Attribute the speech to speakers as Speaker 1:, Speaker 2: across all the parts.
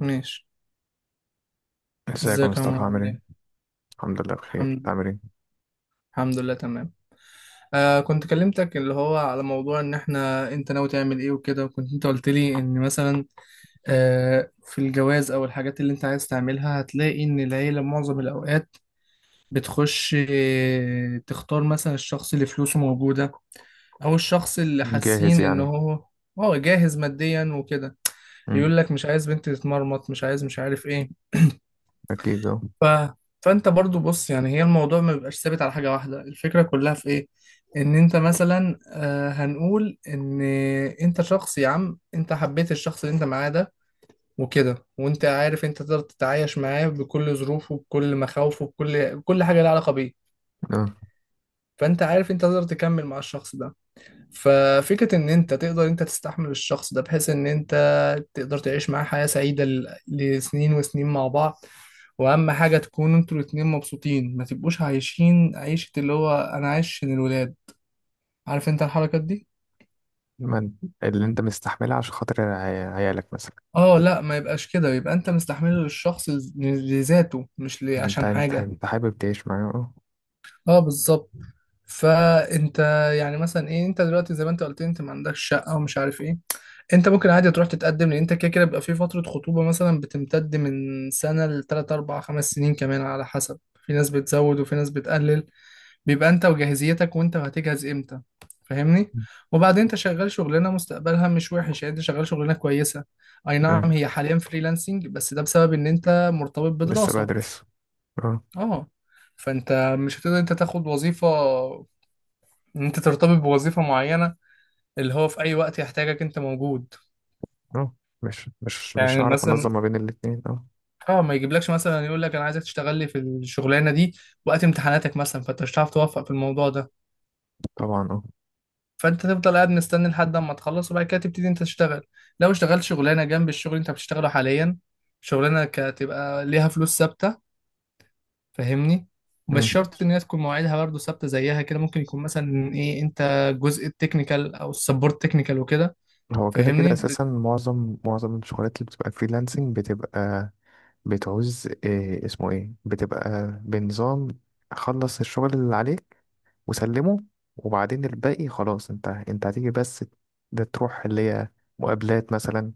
Speaker 1: ماشي.
Speaker 2: ازيك يا
Speaker 1: ازيك يا
Speaker 2: مصطفى،
Speaker 1: عمر؟
Speaker 2: عامل
Speaker 1: عامل
Speaker 2: ايه؟
Speaker 1: ايه؟
Speaker 2: الحمد لله، بخير.
Speaker 1: الحمد
Speaker 2: انت
Speaker 1: لله.
Speaker 2: عامل ايه؟
Speaker 1: الحمد لله تمام. آه، كنت كلمتك اللي هو على موضوع ان احنا انت ناوي تعمل ايه وكده، وكنت انت قلت لي ان مثلا في الجواز او الحاجات اللي انت عايز تعملها هتلاقي ان العيلة معظم الاوقات بتخش، تختار مثلا الشخص اللي فلوسه موجودة، او الشخص اللي
Speaker 2: جاهز
Speaker 1: حاسين ان
Speaker 2: يعني.
Speaker 1: هو جاهز ماديا وكده.
Speaker 2: امم.
Speaker 1: يقول لك مش عايز بنت تتمرمط، مش عايز، مش عارف ايه.
Speaker 2: اكيد اه.
Speaker 1: ف... فانت برضو بص، يعني هي الموضوع ما بيبقاش ثابت على حاجة واحدة. الفكرة كلها في ايه؟ ان انت مثلا، هنقول ان انت شخص، يا عم انت حبيت الشخص اللي انت معاه ده وكده، وانت عارف انت تقدر تتعايش معاه بكل ظروفه، بكل مخاوفه، بكل كل حاجة لها علاقة بيه.
Speaker 2: اه.
Speaker 1: فانت عارف انت تقدر تكمل مع الشخص ده. ففكرة إن أنت تقدر أنت تستحمل الشخص ده بحيث إن أنت تقدر تعيش معاه حياة سعيدة لسنين وسنين مع بعض. وأهم حاجة تكونوا أنتوا الاتنين مبسوطين، ما تبقوش عايشين عيشة اللي هو أنا عايش عشان الولاد. عارف أنت الحركات دي؟
Speaker 2: اللي انت مستحملها عشان خاطر عيالك مثلا.
Speaker 1: اه، لا ما يبقاش كده، يبقى انت مستحمله للشخص لذاته، مش
Speaker 2: انت
Speaker 1: عشان
Speaker 2: انت
Speaker 1: حاجة.
Speaker 2: انت حابب تعيش معايا، اه.
Speaker 1: اه بالظبط. فانت يعني مثلا ايه، انت دلوقتي زي ما انت قلت انت ما عندكش شقة ومش عارف ايه، انت ممكن عادي تروح تتقدم، لان انت كده كده بيبقى في فترة خطوبة مثلا بتمتد من سنة لتلات اربع خمس سنين كمان على حسب. في ناس بتزود وفي ناس بتقلل. بيبقى انت وجاهزيتك، وانت هتجهز امتى. فاهمني. وبعدين انت شغال شغلانة مستقبلها مش وحش، يعني انت شغال شغلانة كويسة. اي
Speaker 2: اه،
Speaker 1: نعم هي حاليا فريلانسنج، بس ده بسبب ان انت مرتبط
Speaker 2: لسه
Speaker 1: بدراسة.
Speaker 2: بدرس. اه.
Speaker 1: اه. فانت مش هتقدر انت تاخد وظيفة، ان انت ترتبط بوظيفة معينة، اللي هو في اي وقت يحتاجك انت موجود.
Speaker 2: اه، مش
Speaker 1: يعني
Speaker 2: هعرف انظم
Speaker 1: مثلا
Speaker 2: ما بين الاتنين، اه.
Speaker 1: اه، ما يجيبلكش مثلا يقول لك انا عايزك تشتغل لي في الشغلانه دي وقت امتحاناتك مثلا، فانت مش هتعرف توفق في الموضوع ده.
Speaker 2: طبعا اه.
Speaker 1: فانت تفضل قاعد مستني لحد اما تخلص، وبعد كده تبتدي انت تشتغل. لو اشتغلت شغلانه جنب الشغل اللي انت بتشتغله حاليا، شغلانه هتبقى ليها فلوس ثابته، فاهمني؟ مش
Speaker 2: مم.
Speaker 1: شرط ان هي تكون مواعيدها برضه ثابته زيها كده، ممكن يكون مثلا ايه، انت جزء التكنيكال او السبورت تكنيكال وكده.
Speaker 2: هو كده كده
Speaker 1: فاهمني؟
Speaker 2: اساسا معظم الشغلات اللي بتبقى فريلانسنج بتبقى بتعوز إيه اسمه ايه، بتبقى بنظام: خلص الشغل اللي عليك، وسلمه، وبعدين الباقي خلاص. انت هتيجي بس ده تروح اللي هي مقابلات مثلا،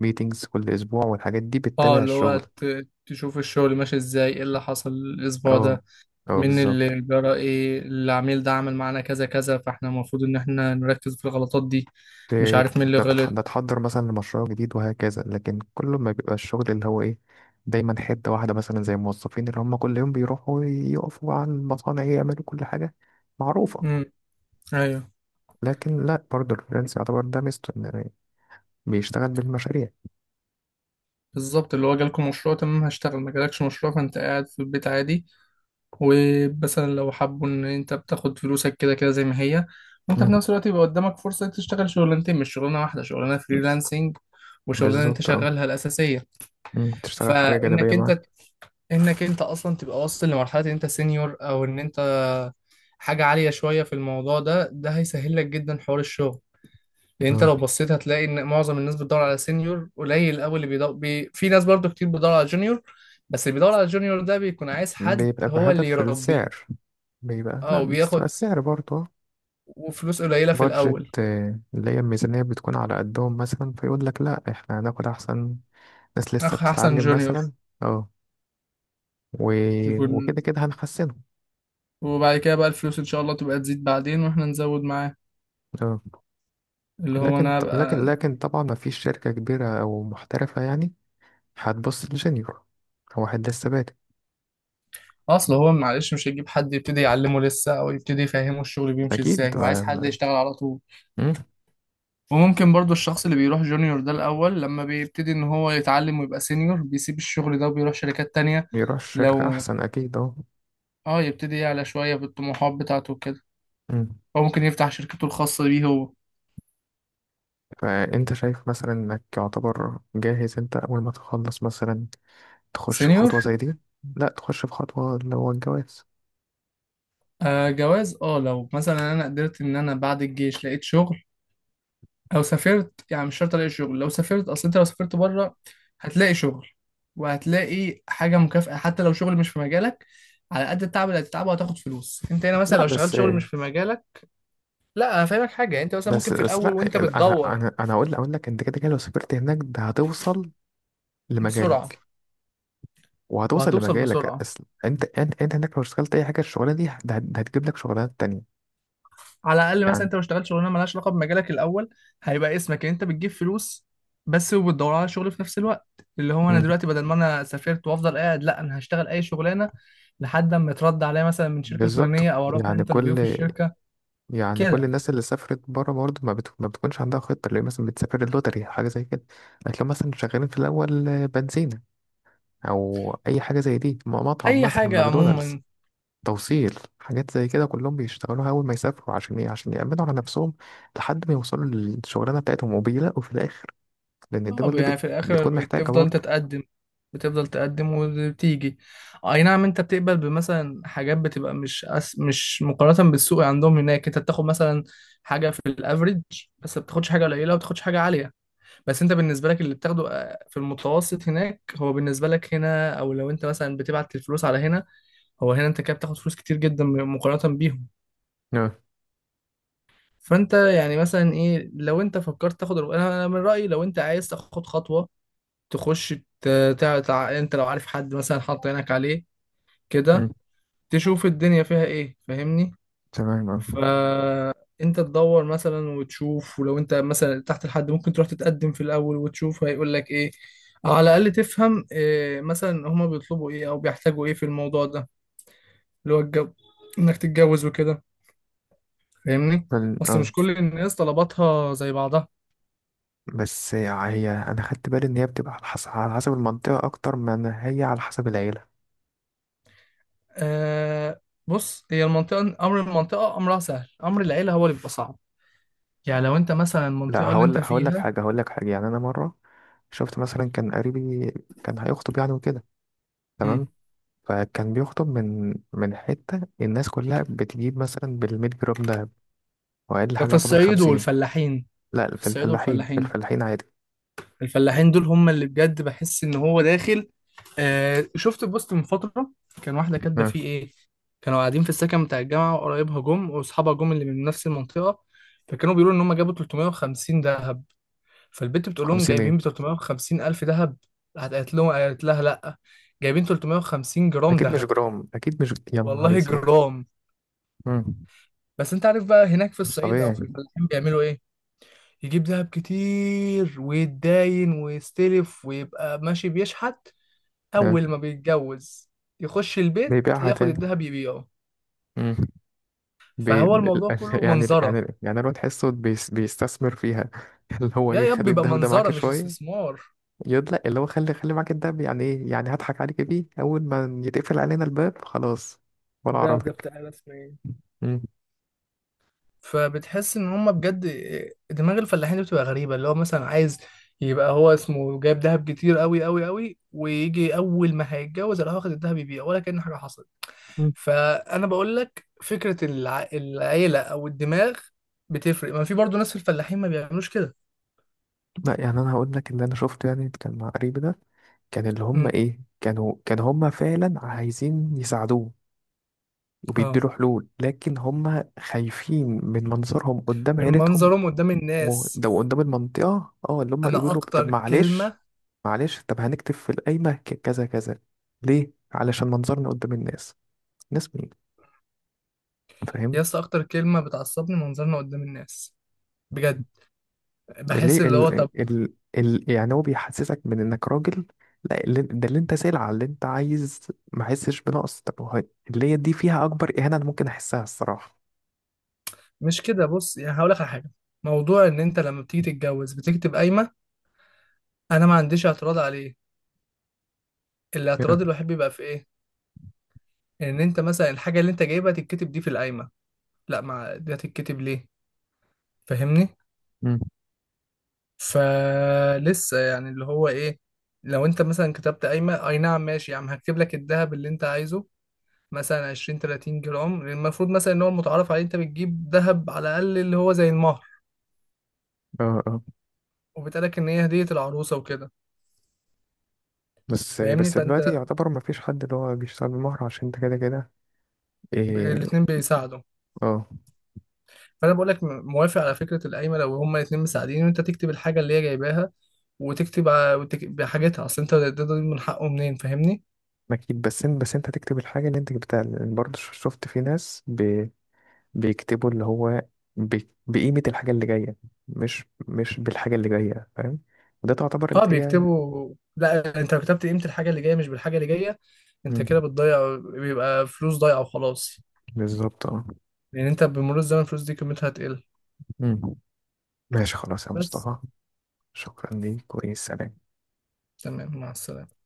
Speaker 2: ميتينجز كل اسبوع، والحاجات دي
Speaker 1: اه،
Speaker 2: بتتابع
Speaker 1: اللي هو
Speaker 2: الشغل.
Speaker 1: تشوف الشغل ماشي ازاي، ايه اللي حصل الاسبوع
Speaker 2: اه.
Speaker 1: ده،
Speaker 2: اه،
Speaker 1: من
Speaker 2: بالظبط.
Speaker 1: اللي جرى ايه، العميل ده عمل معانا كذا كذا، فاحنا المفروض ان احنا نركز في الغلطات دي،
Speaker 2: ت-
Speaker 1: مش عارف مين اللي
Speaker 2: ده
Speaker 1: غلط.
Speaker 2: تحضر مثلا لمشروع جديد، وهكذا. لكن كل ما بيبقى الشغل اللي هو ايه، دايما حتة واحدة، مثلا زي الموظفين اللي هم كل يوم بيروحوا يقفوا عن المصانع، يعملوا كل حاجة معروفة.
Speaker 1: امم ايوه،
Speaker 2: لكن لا، برضه الفريلانس يعتبر ده ميزته، إن بيشتغل بالمشاريع.
Speaker 1: بالظبط، اللي هو جالكم مشروع تمام هشتغل، ما جالكش مشروع فانت قاعد في البيت عادي. ومثلا لو حابوا ان انت بتاخد فلوسك كده كده زي ما هي، وانت في
Speaker 2: مم.
Speaker 1: نفس الوقت، يبقى قدامك فرصة تشتغل شغلانتين مش شغلانة واحدة: شغلانة فريلانسنج وشغلانة انت
Speaker 2: بالظبط اه.
Speaker 1: شغالها الأساسية.
Speaker 2: مم، تشتغل حاجة جانبية
Speaker 1: فإنك
Speaker 2: معاك.
Speaker 1: انك انت اصلا تبقى واصل لمرحلة ان انت سينيور، او ان انت حاجة عالية شوية في الموضوع ده، ده هيسهل لك جدا حوار الشغل. لأن أنت
Speaker 2: اه.
Speaker 1: لو بصيت هتلاقي إن معظم الناس بتدور على سينيور قليل أوي اللي بيدور في ناس برضو كتير بتدور على جونيور، بس اللي بيدور على جونيور ده بيكون عايز حد
Speaker 2: بيبقى
Speaker 1: هو اللي
Speaker 2: بهدف
Speaker 1: يربيه.
Speaker 2: السعر. بيبقى
Speaker 1: اه،
Speaker 2: لا، بتبقى
Speaker 1: وبياخد
Speaker 2: السعر برضه
Speaker 1: وفلوس قليلة في الأول.
Speaker 2: بادجت، اللي هي الميزانية، بتكون على قدهم، مثلا فيقول لك: لا، احنا هناخد أحسن ناس لسه
Speaker 1: أخ، أحسن
Speaker 2: بتتعلم
Speaker 1: جونيور
Speaker 2: مثلا. اه. و...
Speaker 1: يكون.
Speaker 2: وكده كده هنحسنه.
Speaker 1: وبعد كده بقى الفلوس إن شاء الله تبقى تزيد بعدين وإحنا نزود معاه،
Speaker 2: اه.
Speaker 1: اللي هو
Speaker 2: لكن
Speaker 1: أنا
Speaker 2: لكن
Speaker 1: أبقى.
Speaker 2: لكن طبعا ما فيش شركة كبيرة أو محترفة يعني، هتبص لجونيور. هو واحد لسه بادئ.
Speaker 1: أصل هو معلش مش هيجيب حد يبتدي يعلمه لسه أو يبتدي يفهمه الشغل بيمشي
Speaker 2: أكيد
Speaker 1: إزاي، هو عايز
Speaker 2: ما,
Speaker 1: حد
Speaker 2: ما...
Speaker 1: يشتغل على طول.
Speaker 2: مم،
Speaker 1: وممكن برضو الشخص اللي بيروح جونيور ده الأول، لما بيبتدي إن هو يتعلم ويبقى سينيور، بيسيب الشغل ده وبيروح شركات تانية.
Speaker 2: يروح شركة
Speaker 1: لو
Speaker 2: أحسن أكيد اه.
Speaker 1: آه، يبتدي يعلى شوية بالطموحات بتاعته وكده،
Speaker 2: مم.
Speaker 1: أو ممكن يفتح شركته الخاصة بيه هو.
Speaker 2: فأنت شايف مثلا إنك يعتبر جاهز أنت أول ما تخلص مثلا، تخش في
Speaker 1: سينيور.
Speaker 2: خطوة زي دي؟ لا، تخش في خطوة اللي هو الجواز.
Speaker 1: آه جواز، آه، لو مثلا أنا قدرت إن أنا بعد الجيش لقيت شغل، أو سافرت، يعني مش شرط ألاقي شغل لو سافرت. أصل أنت لو سافرت بره هتلاقي شغل، وهتلاقي حاجة مكافأة حتى لو شغل مش في مجالك. على قد التعب اللي هتتعبه هتاخد فلوس. أنت هنا مثلا
Speaker 2: لا.
Speaker 1: لو اشتغلت
Speaker 2: بس
Speaker 1: شغل مش في مجالك، لا انا فاهمك حاجه، يعني انت مثلا
Speaker 2: بس
Speaker 1: ممكن في
Speaker 2: بس
Speaker 1: الاول
Speaker 2: لا.
Speaker 1: وانت
Speaker 2: أنا
Speaker 1: بتدور
Speaker 2: أنا أنا أقول لك، أنت كده كده لو سافرت هناك، ده هتوصل
Speaker 1: بسرعه،
Speaker 2: لمجالك، وهتوصل
Speaker 1: وهتوصل
Speaker 2: لمجالك.
Speaker 1: بسرعه.
Speaker 2: أصل أنت هناك لو اشتغلت أي حاجة، الشغلانة دي ده هتجيب لك شغلانات تانية،
Speaker 1: على الاقل مثلا
Speaker 2: يعني.
Speaker 1: انت ما اشتغلتش شغلانه مالهاش علاقه بمجالك الاول، هيبقى اسمك ان انت بتجيب فلوس بس، وبتدور على شغل في نفس الوقت. اللي هو انا
Speaker 2: مم.
Speaker 1: دلوقتي بدل ما انا سافرت وافضل قاعد، لا انا هشتغل اي شغلانه لحد اما يترد عليا مثلا من الشركه
Speaker 2: بالظبط.
Speaker 1: الفلانيه او اروح
Speaker 2: يعني
Speaker 1: انترفيو في
Speaker 2: كل
Speaker 1: الشركه.
Speaker 2: يعني كل
Speaker 1: كده.
Speaker 2: الناس اللي سافرت بره برضه ما بتكونش عندها خطة، اللي هي مثلا بتسافر اللوتري، حاجة زي كده. هتلاقيهم مثلا شغالين في الأول، بنزينة أو أي حاجة زي دي، مطعم
Speaker 1: اي
Speaker 2: مثلا،
Speaker 1: حاجه
Speaker 2: ماكدونالدز،
Speaker 1: عموما.
Speaker 2: توصيل، حاجات زي كده، كلهم بيشتغلوها أول ما يسافروا. عشان إيه؟ عشان يأمنوا على نفسهم لحد ما يوصلوا للشغلانة بتاعتهم، وبيلاقوا في الآخر، لأن
Speaker 1: اه،
Speaker 2: الدول دي
Speaker 1: يعني في
Speaker 2: بتكون
Speaker 1: الاخر
Speaker 2: محتاجة
Speaker 1: بتفضل
Speaker 2: برضه.
Speaker 1: تتقدم، بتفضل تقدم وبتيجي. اي نعم انت بتقبل بمثلا حاجات بتبقى مش مش مقارنة بالسوق عندهم هناك، انت بتاخد مثلا حاجة في الافريج، بس ما بتاخدش حاجة قليلة وما بتاخدش حاجة عالية. بس انت بالنسبة لك، اللي بتاخده، في المتوسط هناك، هو بالنسبة لك هنا، او لو انت مثلا بتبعت الفلوس على هنا، هو هنا انت كده بتاخد فلوس كتير جدا مقارنة بيهم.
Speaker 2: اه.
Speaker 1: فانت يعني مثلا ايه، لو انت فكرت تاخد، انا أنا من رأيي لو انت عايز تاخد خطوة، تخش. ت... انت لو عارف حد مثلا حاط عينك عليه
Speaker 2: مم.
Speaker 1: كده، تشوف الدنيا فيها ايه، فاهمني.
Speaker 2: تمام اه.
Speaker 1: فانت تدور مثلا وتشوف، ولو انت مثلا تحت الحد، ممكن تروح تتقدم في الاول وتشوف هيقول لك ايه. أو على الاقل تفهم إيه مثلا هما بيطلبوا ايه او بيحتاجوا ايه في الموضوع ده، اللي هو الجو انك تتجوز وكده، فاهمني.
Speaker 2: فال-
Speaker 1: اصل
Speaker 2: اه
Speaker 1: مش كل الناس طلباتها زي بعضها.
Speaker 2: بس هي أنا خدت بالي إن هي بتبقى على حسب، على حسب المنطقة أكتر من هي على حسب العيلة.
Speaker 1: آه، بص، هي المنطقة أمر، المنطقة أمرها سهل، أمر العيلة هو اللي بيبقى صعب. يعني لو انت مثلا
Speaker 2: لا،
Speaker 1: المنطقة اللي
Speaker 2: هقول
Speaker 1: انت
Speaker 2: هقول لك
Speaker 1: فيها.
Speaker 2: حاجة، يعني أنا مرة شفت مثلا، كان قريبي كان هيخطب يعني، وكده.
Speaker 1: امم.
Speaker 2: تمام. فكان بيخطب من حتة، الناس كلها بتجيب مثلا بـ100 جرام دهب، وأقل
Speaker 1: ده
Speaker 2: حاجة
Speaker 1: في
Speaker 2: يعتبر
Speaker 1: الصعيد
Speaker 2: 50.
Speaker 1: والفلاحين.
Speaker 2: لا،
Speaker 1: في
Speaker 2: في
Speaker 1: الصعيد
Speaker 2: الفلاحين، في
Speaker 1: والفلاحين،
Speaker 2: الفلاحين عادي.
Speaker 1: الفلاحين دول هم اللي بجد بحس ان هو داخل. آه، شفت بوست من فترة، كان واحدة كاتبة
Speaker 2: مم.
Speaker 1: فيه ايه، كانوا قاعدين في السكن بتاع الجامعة، وقرايبها جم واصحابها جم اللي من نفس المنطقة، فكانوا بيقولوا ان هم جابوا 350 ذهب. فالبنت بتقول لهم
Speaker 2: 50 ايه؟
Speaker 1: جايبين ب 350 الف ذهب. راحت قالت لهم، قالت لها لا، جايبين 350 جرام
Speaker 2: أكيد مش
Speaker 1: ذهب.
Speaker 2: جرام، أكيد مش، يا نهار
Speaker 1: والله
Speaker 2: أسود.
Speaker 1: جرام.
Speaker 2: مم.
Speaker 1: بس انت عارف بقى هناك في
Speaker 2: مش
Speaker 1: الصعيد او في
Speaker 2: طبيعي.
Speaker 1: الفلاحين بيعملوا ايه، يجيب دهب كتير ويتداين ويستلف، ويبقى ماشي بيشحت. أول
Speaker 2: مم.
Speaker 1: ما بيتجوز يخش البيت
Speaker 2: بيبيعها
Speaker 1: ياخد
Speaker 2: تاني.
Speaker 1: الدهب يبيعه.
Speaker 2: مم. بي...
Speaker 1: فهو
Speaker 2: ال-
Speaker 1: الموضوع كله
Speaker 2: يعني
Speaker 1: منظرة،
Speaker 2: يعني يعني الواد تحسه بيستثمر فيها اللي هو
Speaker 1: يا
Speaker 2: ايه،
Speaker 1: يب
Speaker 2: خلي
Speaker 1: بيبقى
Speaker 2: الدهب ده معاك
Speaker 1: منظرة مش
Speaker 2: شوية.
Speaker 1: استثمار.
Speaker 2: يقول: لا، اللي هو خلي معاك الدهب. يعني ايه؟ يعني هضحك عليك بيه اول ما يتقفل علينا الباب؟ خلاص ولا
Speaker 1: الدهب ده
Speaker 2: اعرفك.
Speaker 1: بتاع ناس، اسمه ايه،
Speaker 2: مم.
Speaker 1: فبتحس ان هما بجد. دماغ الفلاحين دي بتبقى غريبه، اللي هو مثلا عايز يبقى هو اسمه جايب دهب كتير قوي قوي قوي، ويجي اول ما هيتجوز يروح واخد الدهب يبيع ولا كأن حاجه حصلت.
Speaker 2: مم.
Speaker 1: فانا بقول لك فكره العيله او الدماغ بتفرق، ما في برضو ناس في الفلاحين ما بيعملوش كده.
Speaker 2: لا، يعني انا هقول لك اللي انا شفته، يعني كان مع قريبي ده. كان اللي هم
Speaker 1: امم.
Speaker 2: ايه، كانوا كان هم فعلا عايزين يساعدوه،
Speaker 1: اه،
Speaker 2: وبيديله حلول، لكن هم خايفين من منظرهم قدام
Speaker 1: من
Speaker 2: عيلتهم.
Speaker 1: منظرهم قدام الناس.
Speaker 2: وده قدام المنطقة، اللي هم يقولوا
Speaker 1: انا
Speaker 2: له: طب
Speaker 1: اكتر
Speaker 2: معلش،
Speaker 1: كلمه،
Speaker 2: معلش، طب هنكتب في القايمة كذا كذا. ليه؟ علشان منظرنا قدام الناس. ناس مين؟ فاهم.
Speaker 1: يا اسطى اكتر كلمه بتعصبني، منظرنا قدام الناس. بجد
Speaker 2: ليه؟
Speaker 1: بحس اللي هو طب.
Speaker 2: يعني هو بيحسسك من انك راجل. لا، ده اللي انت سلعة اللي انت عايز. ما احسش بنقص. طب هو اللي هي دي فيها اكبر اهانة انا ممكن احسها، الصراحة.
Speaker 1: مش كده، بص يعني هقول لك على حاجه. موضوع ان انت لما بتيجي تتجوز بتكتب قايمه، انا ما عنديش اعتراض عليه. الاعتراض
Speaker 2: كده.
Speaker 1: الوحيد بيبقى في ايه؟ ان انت مثلا الحاجه اللي انت جايبها تتكتب دي في القايمه، لا، ما دي هتتكتب ليه؟ فاهمني.
Speaker 2: مم.
Speaker 1: فلسه يعني اللي هو ايه، لو انت مثلا كتبت قايمه، اي نعم ماشي يا عم هكتب لك الذهب اللي انت عايزه، مثلا 20 30 جرام، المفروض مثلا ان هو المتعارف عليه انت بتجيب ذهب على الاقل، اللي هو زي المهر،
Speaker 2: اه. اه،
Speaker 1: وبتقالك ان هي هديه العروسه وكده.
Speaker 2: بس
Speaker 1: فاهمني.
Speaker 2: بس دلوقتي
Speaker 1: فانت
Speaker 2: يعتبر ما فيش حد اللي هو بيشتغل بمهر، عشان انت كده كده. ايه.
Speaker 1: الاتنين بيساعدوا.
Speaker 2: اه.
Speaker 1: فانا بقول لك موافق على فكره القايمه لو هما الاتنين مساعدين، وانت تكتب الحاجه اللي هي جايباها، وتكتب بحاجتها، اصل انت ده من حقه منين، فاهمني.
Speaker 2: اكيد. بس انت تكتب الحاجة اللي انت جبتها، لأن برضه شفت في ناس بيكتبوا اللي هو، بقيمة الحاجة اللي جاية، مش بالحاجة اللي جاية، فاهم. وده تعتبر اللي
Speaker 1: اه
Speaker 2: هي.
Speaker 1: بيكتبوا، لا انت لو كتبت قيمة الحاجة اللي جاية مش بالحاجة اللي جاية، انت
Speaker 2: مم.
Speaker 1: كده بتضيع، بيبقى فلوس ضايعة وخلاص.
Speaker 2: بالظبط اه.
Speaker 1: لان انت بمرور الزمن الفلوس دي قيمتها هتقل.
Speaker 2: مم. ماشي، خلاص يا
Speaker 1: بس.
Speaker 2: مصطفى، شكرا ليك، وسلام.
Speaker 1: تمام، مع السلامة.